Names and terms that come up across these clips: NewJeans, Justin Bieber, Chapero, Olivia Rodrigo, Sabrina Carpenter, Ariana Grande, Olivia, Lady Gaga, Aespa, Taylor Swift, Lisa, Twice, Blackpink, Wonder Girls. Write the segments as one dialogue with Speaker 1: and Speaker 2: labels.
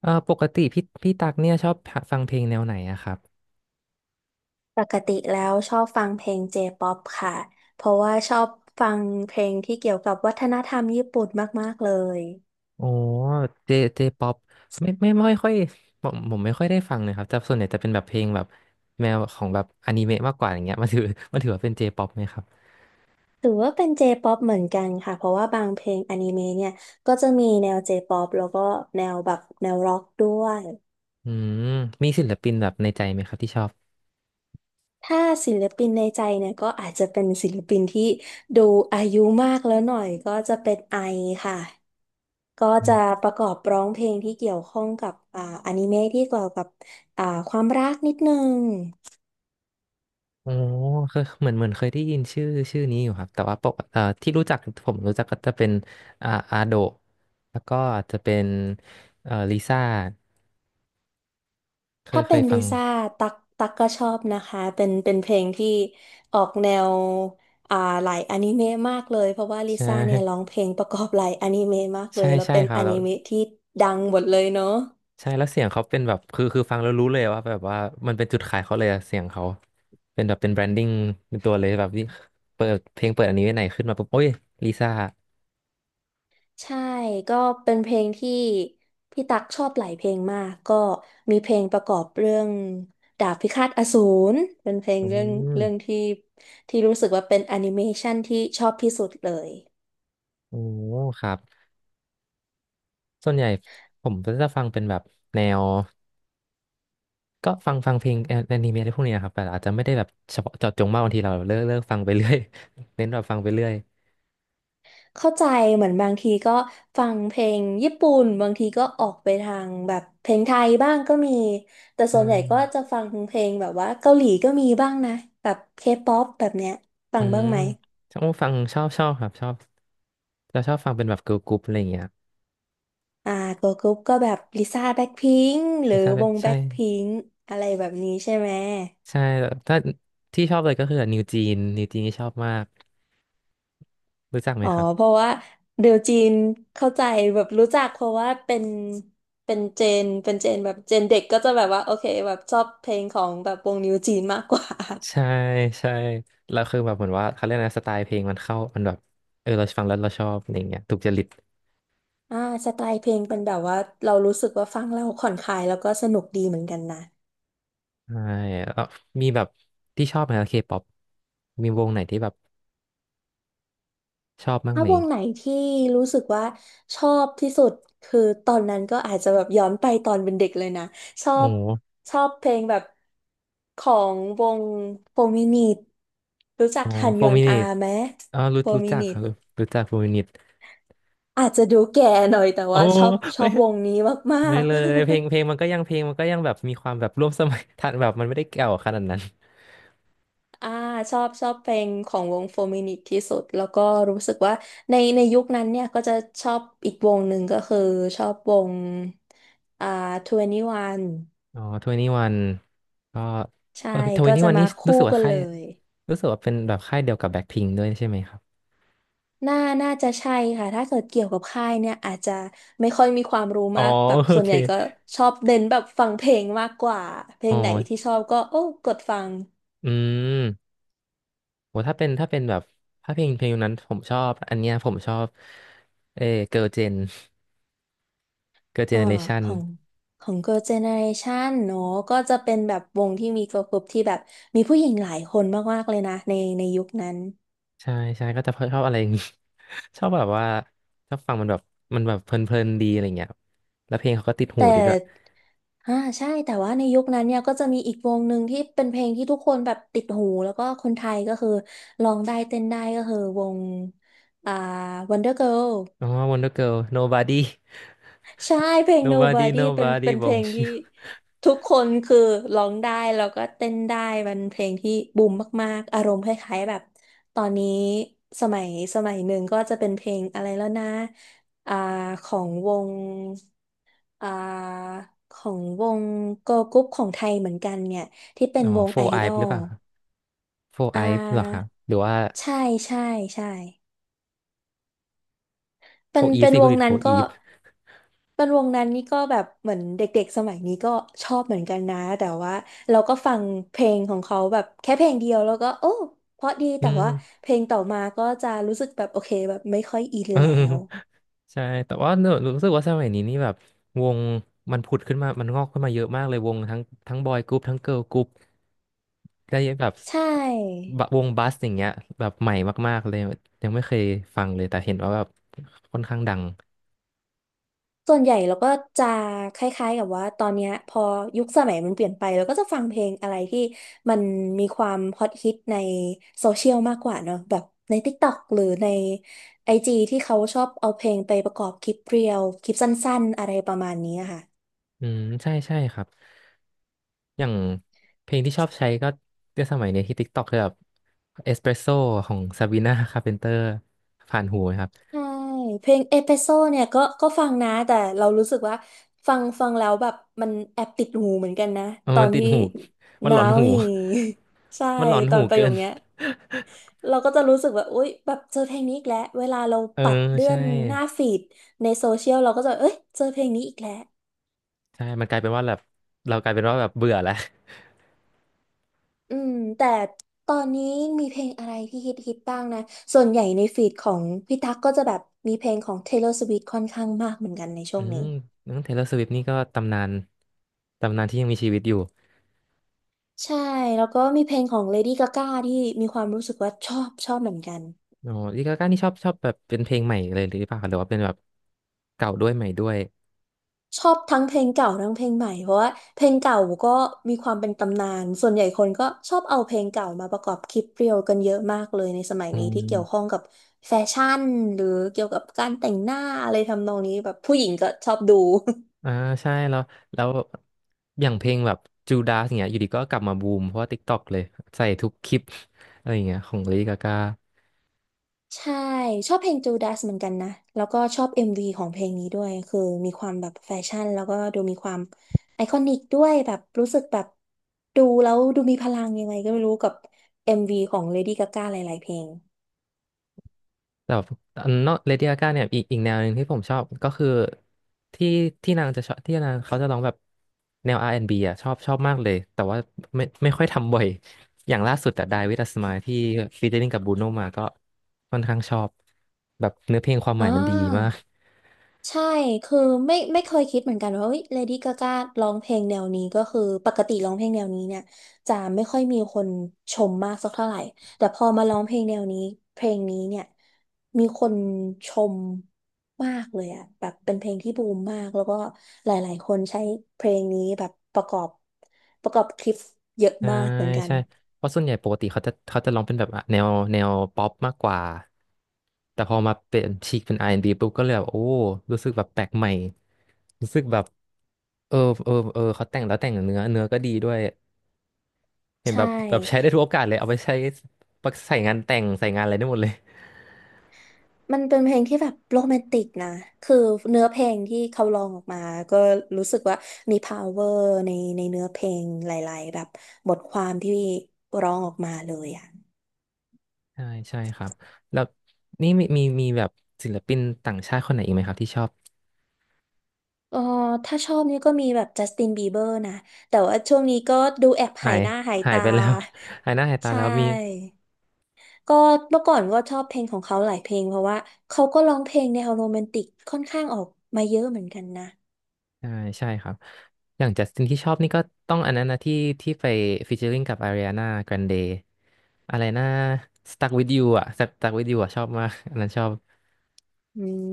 Speaker 1: ปกติพี่ตักเนี่ยชอบฟังเพลงแนวไหนอะครับ
Speaker 2: ปกติแล้วชอบฟังเพลงเจป๊อปค่ะ เพราะว่าชอบฟังเพลงที่เกี่ยวกับวัฒนธรรมญี่ปุ่นมากๆเลย
Speaker 1: โอ้เจเจป๊อปไม่ค่อยผมไม่ค่อยได้ฟังเลยครับแต่ส่วนใหญ่จะเป็นแบบเพลงแบบแนวของแบบอนิเมะมากกว่าอย่างเงี้ยมันถือ มันถือว่าเป็นเจป๊อปไหมครับ
Speaker 2: ถือว่าเป็นเจป๊อปเหมือนกันค่ะ เพราะว่าบางเพลงอนิเมะเนี่ยก็จะมีแนวเจป๊อปแล้วก็แนวแบบแนวร็อกด้วย
Speaker 1: อืมมีศิลปินแบบในใจไหมครับที่ชอบ
Speaker 2: ถ้าศิลปินในใจเนี่ยก็อาจจะเป็นศิลปินที่ดูอายุมากแล้วหน่อยก็จะเป็นไอค่ะ ก็
Speaker 1: อื
Speaker 2: จะ
Speaker 1: ม
Speaker 2: ประกอบร้องเพลงที่เกี่ยวข้องกับอนิเมะที่เกี่ยวกับอ่าความรักนิดนึง
Speaker 1: โอ้เคยเหมือนเคยได้ยินชื่อนี้อยู่ครับแต่ว่าปกเอ่อที่รู้จักผมรู้จักก็จะเป็นอาโดะแล้วก็จะเป็นลิซ่าเคย
Speaker 2: ถ้า
Speaker 1: เค
Speaker 2: เป็น
Speaker 1: ยฟั
Speaker 2: ลิ
Speaker 1: ง
Speaker 2: ซ่าตักก็ชอบนะคะเป็นเพลงที่ออกแนวอ่าหลายอนิเมะมากเลยเพราะว่าลิ
Speaker 1: ใช
Speaker 2: ซ่าเนี่ยร้อง
Speaker 1: ่
Speaker 2: เพลงประกอบหลายอนิเมะมาก เล
Speaker 1: ใช่
Speaker 2: ยแล้ว
Speaker 1: ใช่
Speaker 2: เป็น
Speaker 1: ครั
Speaker 2: อ
Speaker 1: บแล้
Speaker 2: นิ
Speaker 1: ว
Speaker 2: เมะที่ดังหมดเลยเนาะ
Speaker 1: ใช่แล้วเสียงเขาเป็นแบบคือฟังแล้วรู้เลยว่าแบบว่ามันเป็นจุดขายเขาเลยอะเสียงเขาเป็นแบบเป็นแบรนดิ้งในตัวเลยแบบที่เปิดเพลงเปิดอันนี้ไว้ไหนขึ้นมาปุ๊บโอ้ยลิซ่า
Speaker 2: ใช่ก็เป็นเพลงที่พี่ตักชอบหลายเพลงมากก็มีเพลงประกอบเรื่องดาบพิฆาตอสูรเป็นเพลง
Speaker 1: อื
Speaker 2: เรื่อง
Speaker 1: ม
Speaker 2: ที่รู้สึกว่าเป็นแอนิเมชันที่ชอบที่สุดเลย
Speaker 1: โอ้ครับส่วนใหญ่ผมก็จะฟังเป็นแบบแนวก็ฟังเพลงแอนิเมะอะไรพวกนี้นะครับแต่อาจจะไม่ได้แบบเฉพาะเจาะจงมากบางทีเราเลิกฟังไปเรื่อย เน้นแบบฟังไปเรื่อย
Speaker 2: เข้าใจเหมือนบางทีก็ฟังเพลงญี่ปุ่นบางทีก็ออกไปทางแบบเพลงไทยบ้างก็มีแต่
Speaker 1: อ
Speaker 2: ส่วนใหญ่ก็
Speaker 1: ่า
Speaker 2: จะฟังเพลงแบบว่าเกาหลีก็มีบ้างนะแบบเคป๊อปแบบเนี้ยฟั
Speaker 1: อื
Speaker 2: งบ้า
Speaker 1: ม
Speaker 2: งไหม
Speaker 1: ชอบฟังชอบชอบครับชอบเราชอบฟังเป็นแบบเกิร์ลกรุ๊ปอะไรอย่างเงี้ย
Speaker 2: อ่าตัวกรุ๊ปก็แบบลิซ่าแบ็คพิงค์หรือ
Speaker 1: ลิซ่า
Speaker 2: วง
Speaker 1: ใช่
Speaker 2: แบ็คพิงค์อะไรแบบนี้ใช่ไหม
Speaker 1: ใช่แบบถ้าที่ชอบเลยก็คือนิวจีนนิวจีนนี่ชอบมากรู้จักไหม
Speaker 2: อ๋อ
Speaker 1: ครั
Speaker 2: เพ
Speaker 1: บ
Speaker 2: ราะว่าเดี๋ยวจีนเข้าใจแบบรู้จักเพราะว่าเป็นเจนแบบเจนเด็กก็จะแบบว่าโอเคแบบชอบเพลงของแบบวงนิวจีนมากกว่า
Speaker 1: ใช่ใช่แล้วคือแบบเหมือนว่าเขาเรียกนะสไตล์เพลงมันเข้ามันแบบเออเราฟังแล้วเราชอบอะไรอย่างเงี้ยถูกจริต
Speaker 2: อ่าสไตล์เพลงเป็นแบบว่าเรารู้สึกว่าฟังแล้วผ่อนคลายแล้วก็สนุกดีเหมือนกันนะ
Speaker 1: ใช่แล้วมีแบบที่ชอบไหมเคป๊อปมีวงไหนที่แบบชอบบ้าง
Speaker 2: ถ้า
Speaker 1: ไหม
Speaker 2: วงไหนที่รู้สึกว่าชอบที่สุดคือตอนนั้นก็อาจจะแบบย้อนไปตอนเป็นเด็กเลยนะชอ
Speaker 1: โอ้
Speaker 2: บ
Speaker 1: โห
Speaker 2: ชอบเพลงแบบของวงโฟร์มินิทรู้จัก
Speaker 1: โอ้
Speaker 2: ฮัน
Speaker 1: โฟ
Speaker 2: ยอ
Speaker 1: ร์
Speaker 2: น
Speaker 1: มินิ
Speaker 2: อา
Speaker 1: ต
Speaker 2: ไหม
Speaker 1: อ๋อรู้
Speaker 2: โฟร์
Speaker 1: รู้
Speaker 2: มิ
Speaker 1: จัก
Speaker 2: นิ
Speaker 1: ครั
Speaker 2: ท
Speaker 1: บรู้จักโฟร์มินิต
Speaker 2: อาจจะดูแก่หน่อยแต่
Speaker 1: โอ้
Speaker 2: ว่าชอบชอ
Speaker 1: ไม่
Speaker 2: บวงนี้มา
Speaker 1: ไม่
Speaker 2: ก
Speaker 1: เลยเพลงเพ
Speaker 2: ๆ
Speaker 1: ลงมันก็ยังเพลงมันก็ยังแบบมีความแบบร่วมสมัย ทันแบบมันไม่ได้เก่าขนาดนั้น
Speaker 2: อ่าชอบเพลงของวงโฟร์มินิที่สุดแล้วก็รู้สึกว่าในยุคนั้นเนี่ยก็จะชอบอีกวงหนึ่งก็คือชอบวงอ่า21
Speaker 1: อ๋อทเวนีวันก็
Speaker 2: ใช่
Speaker 1: ทเว
Speaker 2: ก็
Speaker 1: นี
Speaker 2: จะ
Speaker 1: วัน
Speaker 2: มา
Speaker 1: นี่
Speaker 2: คู่กันเลย
Speaker 1: รู้สึกว่าเป็นแบบค่ายเดียวกับแบ็คพิงด้วยใช่ไหมครับ
Speaker 2: น่าน่าจะใช่ค่ะถ้าเกิดเกี่ยวกับค่ายเนี่ยอาจจะไม่ค่อยมีความรู้
Speaker 1: อ๋อ
Speaker 2: มากแบบ
Speaker 1: โอ
Speaker 2: ส่วน
Speaker 1: เค
Speaker 2: ใหญ่ก็ชอบเน้นแบบฟังเพลงมากกว่าเพล
Speaker 1: อ๋อ
Speaker 2: งไหนที่ชอบก็โอ้กดฟัง
Speaker 1: อืมโหถ้าเป็นถ้าเป็นแบบถ้าเพลงนั้นผมชอบอันเนี้ยผมชอบเอเกิร์ลเจนเกิร์ลเจ
Speaker 2: เอ่อ
Speaker 1: เนเรชัน
Speaker 2: ของของ Girl Generation เนอะก็จะเป็นแบบวงที่มี girl group ที่แบบมีผู้หญิงหลายคนมากๆเลยนะในยุคนั้น
Speaker 1: ใช่ใช่ก็จะชอบอะไรอย่าง งี้ ชอบแบบว่าชอบฟังมันแบบมันแบบเพลินๆดีอะไรเงี้ยแล้วเพลงเขาก็ติดหู
Speaker 2: แต่
Speaker 1: ดีด้วย
Speaker 2: อ่าใช่แต่ว่าในยุคนั้นเนี่ยก็จะมีอีกวงหนึ่งที่เป็นเพลงที่ทุกคนแบบติดหูแล้วก็คนไทยก็คือร้องได้เต้นได้ก็คือวงอ่า Wonder Girl
Speaker 1: อ๋อ Wonder Girl Nobody
Speaker 2: ใช่เพลง
Speaker 1: Nobody
Speaker 2: Nobody เป็นเป็
Speaker 1: Nobody
Speaker 2: นเพลงที่
Speaker 1: Bonjour
Speaker 2: ทุกคนคือร้องได้แล้วก็เต้นได้มันเพลงที่บูมมากๆอารมณ์คล้ายๆแบบตอนนี้สมัยสมัยหนึ่งก็จะเป็นเพลงอะไรแล้วนะอ่าของวงอ่าของวงเกิร์ลกรุ๊ปของไทยเหมือนกันเนี่ยที่เป็น
Speaker 1: อ๋อ
Speaker 2: วงไอ
Speaker 1: Four
Speaker 2: ด
Speaker 1: Eye
Speaker 2: อ
Speaker 1: หรือ
Speaker 2: ล
Speaker 1: เปล่า โฟร์
Speaker 2: อ่
Speaker 1: ไอฟ์เหรอครับ
Speaker 2: า
Speaker 1: หรือว่า
Speaker 2: ใช่ใช่ใช่
Speaker 1: โฟ
Speaker 2: เป็น
Speaker 1: ร์อีฟ
Speaker 2: เป็น
Speaker 1: สิ
Speaker 2: ว
Speaker 1: คุณ
Speaker 2: ง
Speaker 1: ดิดโฟ
Speaker 2: นั้น
Speaker 1: ร์อี
Speaker 2: ก็
Speaker 1: ฟ
Speaker 2: เป็นวงนั้นนี่ก็แบบเหมือนเด็กๆสมัยนี้ก็ชอบเหมือนกันนะแต่ว่าเราก็ฟังเพลงของเขาแบบแค่เพลงเดียวแล้วก็โอ้เพราะดี
Speaker 1: อื
Speaker 2: แต่ว่า
Speaker 1: ม
Speaker 2: เพลงต่อมาก็จะรู้สึกแบบโอเคแบบไม่ค่อยอิน
Speaker 1: เ
Speaker 2: แล้ว
Speaker 1: ออใช่แต่ว่าหนูรู้สึกว่าสมัยนี้นี่แบบวงมันผุดขึ้นมามันงอกขึ้นมาเยอะมากเลยวงทั้งบอยกรุ๊ปทั้งเกิร์ลกรุ๊ปได้แบบ
Speaker 2: ใช่
Speaker 1: บะวงบัสอย่างเงี้ยแบบใหม่มากๆเลยยังไม่เคยฟังเลยแต่เห็นว่าแบบค่อนข้างดัง
Speaker 2: ส่วนใหญ่เราก็จะคล้ายๆกับว่าตอนเนี้ยพอยุคสมัยมันเปลี่ยนไปเราก็จะฟังเพลงอะไรที่มันมีความฮอตฮิตในโซเชียลมากกว่าเนอะแบบใน TikTok หรือใน IG ที่เขาชอบเอาเพลงไปประกอบคลิปเรียลคลิปสั้นๆอะไรประมาณนี้อะค่ะ
Speaker 1: อืมใช่ใช่ครับอย่างเพลงที่ชอบใช้ก็ในสมัยเนี้ยที่ TikTok คือแบบเอสเปรสโซของซาบีนาคาร์เพนเตอร์ผ่านหูไหมครับ
Speaker 2: ใช่เพลงเอพิโซเนี่ยก็ฟังนะแต่เรารู้สึกว่าฟังแล้วแบบมันแอบติดหูเหมือนกันนะ
Speaker 1: เออ
Speaker 2: ตอ
Speaker 1: มัน
Speaker 2: น
Speaker 1: ติด
Speaker 2: ที่
Speaker 1: หู มันหลอน
Speaker 2: now
Speaker 1: หู
Speaker 2: ใช่
Speaker 1: มันหลอน
Speaker 2: ตอ
Speaker 1: หู
Speaker 2: นประโย
Speaker 1: เกิน
Speaker 2: คเนี้ย เราก็จะรู้สึกว่าอุ๊ยแบบเจอเพลงนี้อีกแล้วเวลาเรา
Speaker 1: เออ
Speaker 2: ปัดเลื่อ
Speaker 1: ใช่
Speaker 2: นหน้าฟีดในโซเชียลเราก็จะเอ้ยเจอเพลงนี้อีกแล้ว
Speaker 1: ใช่มันกลายเป็นว่าแบบเรากลายเป็นว่าแบบเบื่อแล้ว
Speaker 2: อืมแต่ตอนนี้มีเพลงอะไรที่ฮิตฮิตบ้างนะส่วนใหญ่ในฟีดของพี่ตั๊กก็จะแบบมีเพลงของ Taylor Swift ค่อนข้างมากเหมือนกันในช่
Speaker 1: อื
Speaker 2: วง
Speaker 1: ม
Speaker 2: นี้
Speaker 1: น้องเทเลอร์สวิฟนี่ก็ตำนานตำนานที่ยังมีชีวิตอยู่
Speaker 2: ใช่แล้วก็มีเพลงของ Lady Gaga ที่มีความรู้สึกว่าชอบเหมือนกัน
Speaker 1: อ๋อลิกาก้านี่ชอบแบบเป็นเพลงใหม่เลยหรือเปล่าหรือว่าเป็นแบบเก่าด้วยใหม่ด้วย
Speaker 2: ชอบทั้งเพลงเก่าทั้งเพลงใหม่เพราะว่าเพลงเก่าก็มีความเป็นตำนานส่วนใหญ่คนก็ชอบเอาเพลงเก่ามาประกอบคลิปเรียลกันเยอะมากเลยในสมัย
Speaker 1: อื
Speaker 2: นี้ที่เกี่ยวข้อ
Speaker 1: ม
Speaker 2: งกับแฟชั่นหรือเกี่ยวกับการแต่งหน้าอะไรทำนองนี้แบบผู้หญิงก็ชอบดู
Speaker 1: อ่าใช่แล้วอย่างเพลงแบบจูดาสเนี่ยอยู่ดีก็กลับมาบูมเพราะว่า TikTok เลยใส่ทุกคลิป อะไรอย่างเงี้ยของลิกาก้า
Speaker 2: ใช่ชอบเพลง j ูด a สเหมือนกันนะแล้วก็ชอบ MV ของเพลงนี้ด้วยคือมีความแบบแฟชั่นแล้วก็ดูมีความไอคอนิกด้วยแบบรู้สึกแบบดูแล้วดูมีพลังยังไงก็ไม่รู้กับ MV ของเลดี้กาก้าหลายๆเพลง
Speaker 1: แต่แบบนอกเลดี้กาก้าเนี่ยอีกแนวหนึ่งที่ผมชอบก็คือที่ที่นางจะชอบที่นางเขาจะร้องแบบแนว R&B อนด์บีอ่ะชอบมากเลยแต่ว่าไม่ค่อยทำบ่อยอย่างล่าสุดแต่ Die With A Smile ที่ฟีเจอริ่งกับบูโนมาก็ค่อนข้างชอบแบบเนื้อเพลงความหมาย
Speaker 2: อ่า
Speaker 1: มันดีมาก
Speaker 2: ใช่คือไม่เคยคิดเหมือนกันว่าเฮ้ยเลดี้กากร้องเพลงแนวนี้ก็คือปกติร้องเพลงแนวนี้เนี่ยจะไม่ค่อยมีคนชมมากสักเท่าไหร่แต่พอมาร้องเพลงแนวนี้เพลงนี้เนี่ยมีคนชมมากเลยอะแบบเป็นเพลงที่บูมมากแล้วก็หลายๆคนใช้เพลงนี้แบบประกอบคลิปเยอะ
Speaker 1: ใช่
Speaker 2: มากเหมือนกัน
Speaker 1: ใช่เพราะส่วนใหญ่ปกติเขาจะร้องเป็นแบบแนวป๊อปมากกว่าแต่พอมาเปลี่ยนฉีกเป็น r ีปุ๊บก็เลยแบบโอ้รู้สึกแบบแปลกใหม่รู้สึกแบบเออเออเออเขาแต่งแล้วแต่งเนื้อก็ดีด้วยเห็น
Speaker 2: ใช่
Speaker 1: แบบใช้ได้ทุกโอกาสเลยเอาไปใช้ใส่งานแต่งใส่งานอะไรได้หมดเลย
Speaker 2: มันเป็นเพลงที่แบบโรแมนติกนะ คือเนื้อเพลงที่เขาร้องออกมาก็รู้สึกว่ามี power ในเนื้อเพลงหลายๆแบบบทความที่ร้องออกมาเลยอ่ะ
Speaker 1: ใช่ใช่ครับแล้วนี่มีแบบศิลปินต่างชาติคนไหนอีกไหมครับที่ชอบ
Speaker 2: เออถ้าชอบนี่ก็มีแบบจัสตินบีเบอร์นะแต่ว่าช่วงนี้ก็ดูแอบ
Speaker 1: หา
Speaker 2: หาย
Speaker 1: ย
Speaker 2: หน้าหาย
Speaker 1: หาย
Speaker 2: ตา
Speaker 1: ไปแล้ว หายหน้าหา ยตา
Speaker 2: ใช่
Speaker 1: แล้วมี
Speaker 2: ก็เมื่อก่อนก็ชอบเพลงของเขาหลายเพลงเพราะว่าเขาก็ร้องเพลงแนวโรแมนติกค่อนข้างออกมาเยอะเหมือนกันนะ
Speaker 1: ใช่ใช่ครับอย่างจัสตินที่ชอบนี่ก็ต้องอันนั้นนะที่ไปฟีเจอริงกับอาริอานาแกรนเดอะไรนะ Stuck with you อ่ะ Stuck with you อ่ะชอบมากอันนั้นชอบ
Speaker 2: อืม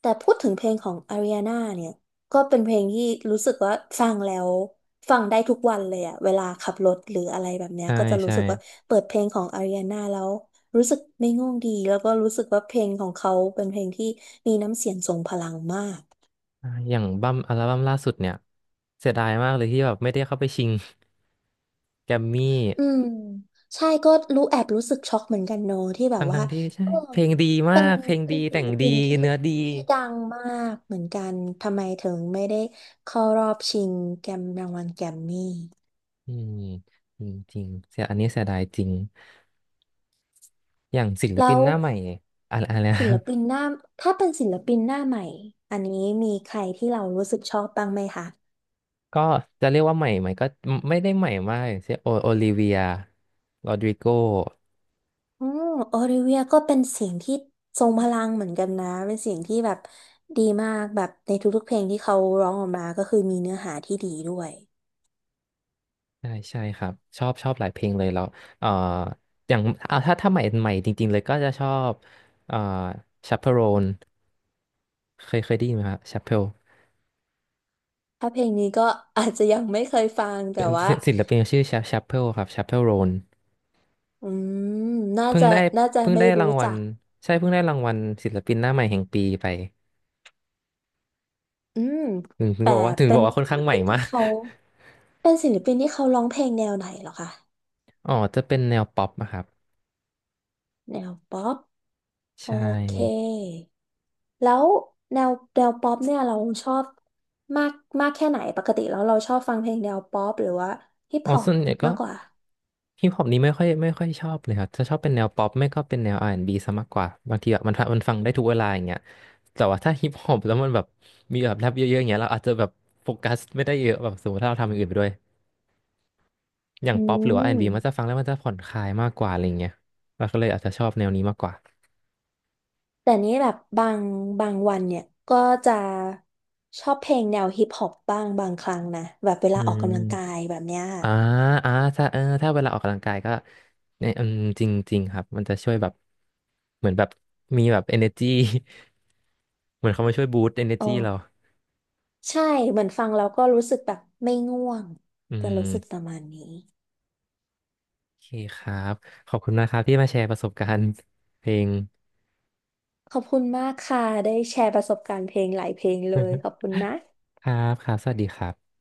Speaker 2: แต่พูดถึงเพลงของอาริอาน่าเนี่ยก็เป็นเพลงที่รู้สึกว่าฟังแล้วฟังได้ทุกวันเลยอะเวลาขับรถหรืออะไรแบบเนี้ย
Speaker 1: ใช่
Speaker 2: ก็จะรู้
Speaker 1: ใช่
Speaker 2: สึกว่าเปิดเพลงของอาริอาน่าแล้วรู้สึกไม่ง่วงดีแล้วก็รู้สึกว่าเพลงของเขาเป็นเพลงที่มีน้ำเสียงทรงพลังมาก
Speaker 1: อ่าอย่างอัลบั้มล่าสุดเนี่ยเสียดายมากเลยที่แบบไม่ได้เข้าไปชิงแกรมมี่
Speaker 2: อืมใช่ก็รู้แอบรู้สึกช็อกเหมือนกันโนอะที่แบบ
Speaker 1: ทั้ง
Speaker 2: ว่า
Speaker 1: ทั้งที่ใช่
Speaker 2: เออ
Speaker 1: เพลงดีมา
Speaker 2: เป็น
Speaker 1: กเพลง
Speaker 2: เป็
Speaker 1: ดี
Speaker 2: นศิ
Speaker 1: แต่ง
Speaker 2: ล
Speaker 1: ดี
Speaker 2: ปินที่
Speaker 1: เนื้อดี
Speaker 2: ดังมากเหมือนกันทำไมถึงไม่ได้เข้ารอบชิงแกรมรางวัลแกรมมี่
Speaker 1: อืมจริงจริงเสียอันนี้เสียดายจริงอย่างศิลปิ
Speaker 2: แล้
Speaker 1: น
Speaker 2: ว
Speaker 1: หน้าใหม่อะไรอะไรนะ
Speaker 2: ศิลปินหน้าถ้าเป็นศิลปินหน้าใหม่อันนี้มีใครที่เรารู้สึกชอบบ้างไหมคะ
Speaker 1: ก็จะเรียกว่าใหม่ไหมก็ไม่ได้ใหม่มากอย่างเช่นโอลิเวียโรดริโก
Speaker 2: อืมโอลิเวียก็เป็นเสียงที่ทรงพลังเหมือนกันนะเป็นเสียงที่แบบดีมากแบบในทุกๆเพลงที่เขาร้องออกมาก็คือมีเนื้อหาที่ดีด้วย
Speaker 1: ใช่ใช่ครับชอบหลายเพลงเลยแล้วเอ่ออย่างเอาถ้าใหม่จริงๆเลยก็จะชอบเอ่อชาเปโรนเคยได้ยินไหมครับชาเปโร
Speaker 2: ถ้าเพลงนี้ก็ อาจจะยังไม่เคยฟังแต่
Speaker 1: เป็น
Speaker 2: ว่า
Speaker 1: ศิลปินชื่อชาเปโรครับชาเปโรน
Speaker 2: อืมน่า
Speaker 1: เพิ่ง
Speaker 2: จะ
Speaker 1: ได้
Speaker 2: น่าจะ
Speaker 1: เพิ่ง
Speaker 2: ไม่
Speaker 1: ได้รา
Speaker 2: รู้
Speaker 1: งวัล
Speaker 2: จัก
Speaker 1: ใช่เพิ่งได้รางวัลศิลปินหน้าใหม่แห่งปีไป
Speaker 2: อืมแต่
Speaker 1: ถึง
Speaker 2: เป็
Speaker 1: บอ
Speaker 2: น
Speaker 1: กว่าค่อน
Speaker 2: ศิ
Speaker 1: ข้า
Speaker 2: ล
Speaker 1: งใหม่
Speaker 2: ปิน
Speaker 1: มา
Speaker 2: ที่
Speaker 1: ก
Speaker 2: เขาเป็นศิลปินที่เขาร้องเพลงแนวไหนเหรอคะ
Speaker 1: อ๋อจะเป็นแนวป๊อปนะครับ
Speaker 2: แนวป๊อป โอ
Speaker 1: ใช่
Speaker 2: เค แล้วแนวป๊อปเนี่ยเราชอบมากมากแค่ไหน ปกติแล้วเราชอบฟังเพลงแนวป๊อปหรือว่าฮิป
Speaker 1: อ๋อ
Speaker 2: ฮอป
Speaker 1: ส่วนใหญ่ก็
Speaker 2: มากกว่า
Speaker 1: ฮิปฮอปนี้ไม่ค่อยชอบเลยครับ จะชอบเป็นแนวป๊อปไม่ก็เป็นแนว R&B ซะมากกว่า บางทีแบบมันฟังได้ทุกเวลาอย่างเงี้ยแต่ว่าถ้าฮิปฮอปแล้วมันแบบมีแบบแรปเยอะๆอย่างเงี้ยเราอาจจะแบบโฟกัสไม่ได้เยอะแบบสมมติถ้าเราทำอย่างอื่นไปด้วยอย่าง
Speaker 2: อื
Speaker 1: ป๊อปหรือว่า
Speaker 2: ม
Speaker 1: R&B มันจะฟังแล้วมันจะผ่อนคลายมากกว่าอะไรเงี้ยเราก็เลยอาจจะชอบแนวนี้มากกว่า
Speaker 2: แต่นี้แบบบางวันเนี่ยก็จะชอบเพลงแนวฮิปฮอปบ้างบางครั้งนะแบบเว
Speaker 1: อื
Speaker 2: ลาออก
Speaker 1: ม
Speaker 2: กำลังกายแบบเนี้ย
Speaker 1: อ่าอ่าถ้าถ้าเวลาออกกำลังกายก็เนี่ยอืมจริงจริงครับมันจะช่วยแบบเหมือนแบบมีแบบ energy เหมือนเขามาช่วยบูสต์ energy เรา
Speaker 2: โอ้ใช่เหมือนฟังแล้วก็รู้สึกแบบไม่ง่วง
Speaker 1: อื
Speaker 2: จะรู้สึกป
Speaker 1: ม
Speaker 2: ระมาณนี้
Speaker 1: โอเคครับ ขอบคุณนะครับที่มาแชร์ประสบการณ์เพลง
Speaker 2: ขอบคุณมากค่ะได้แชร์ประสบการณ์เพลงหลายเพลงเลยขอ บคุณนะ
Speaker 1: ครับครับสวัสดีครับ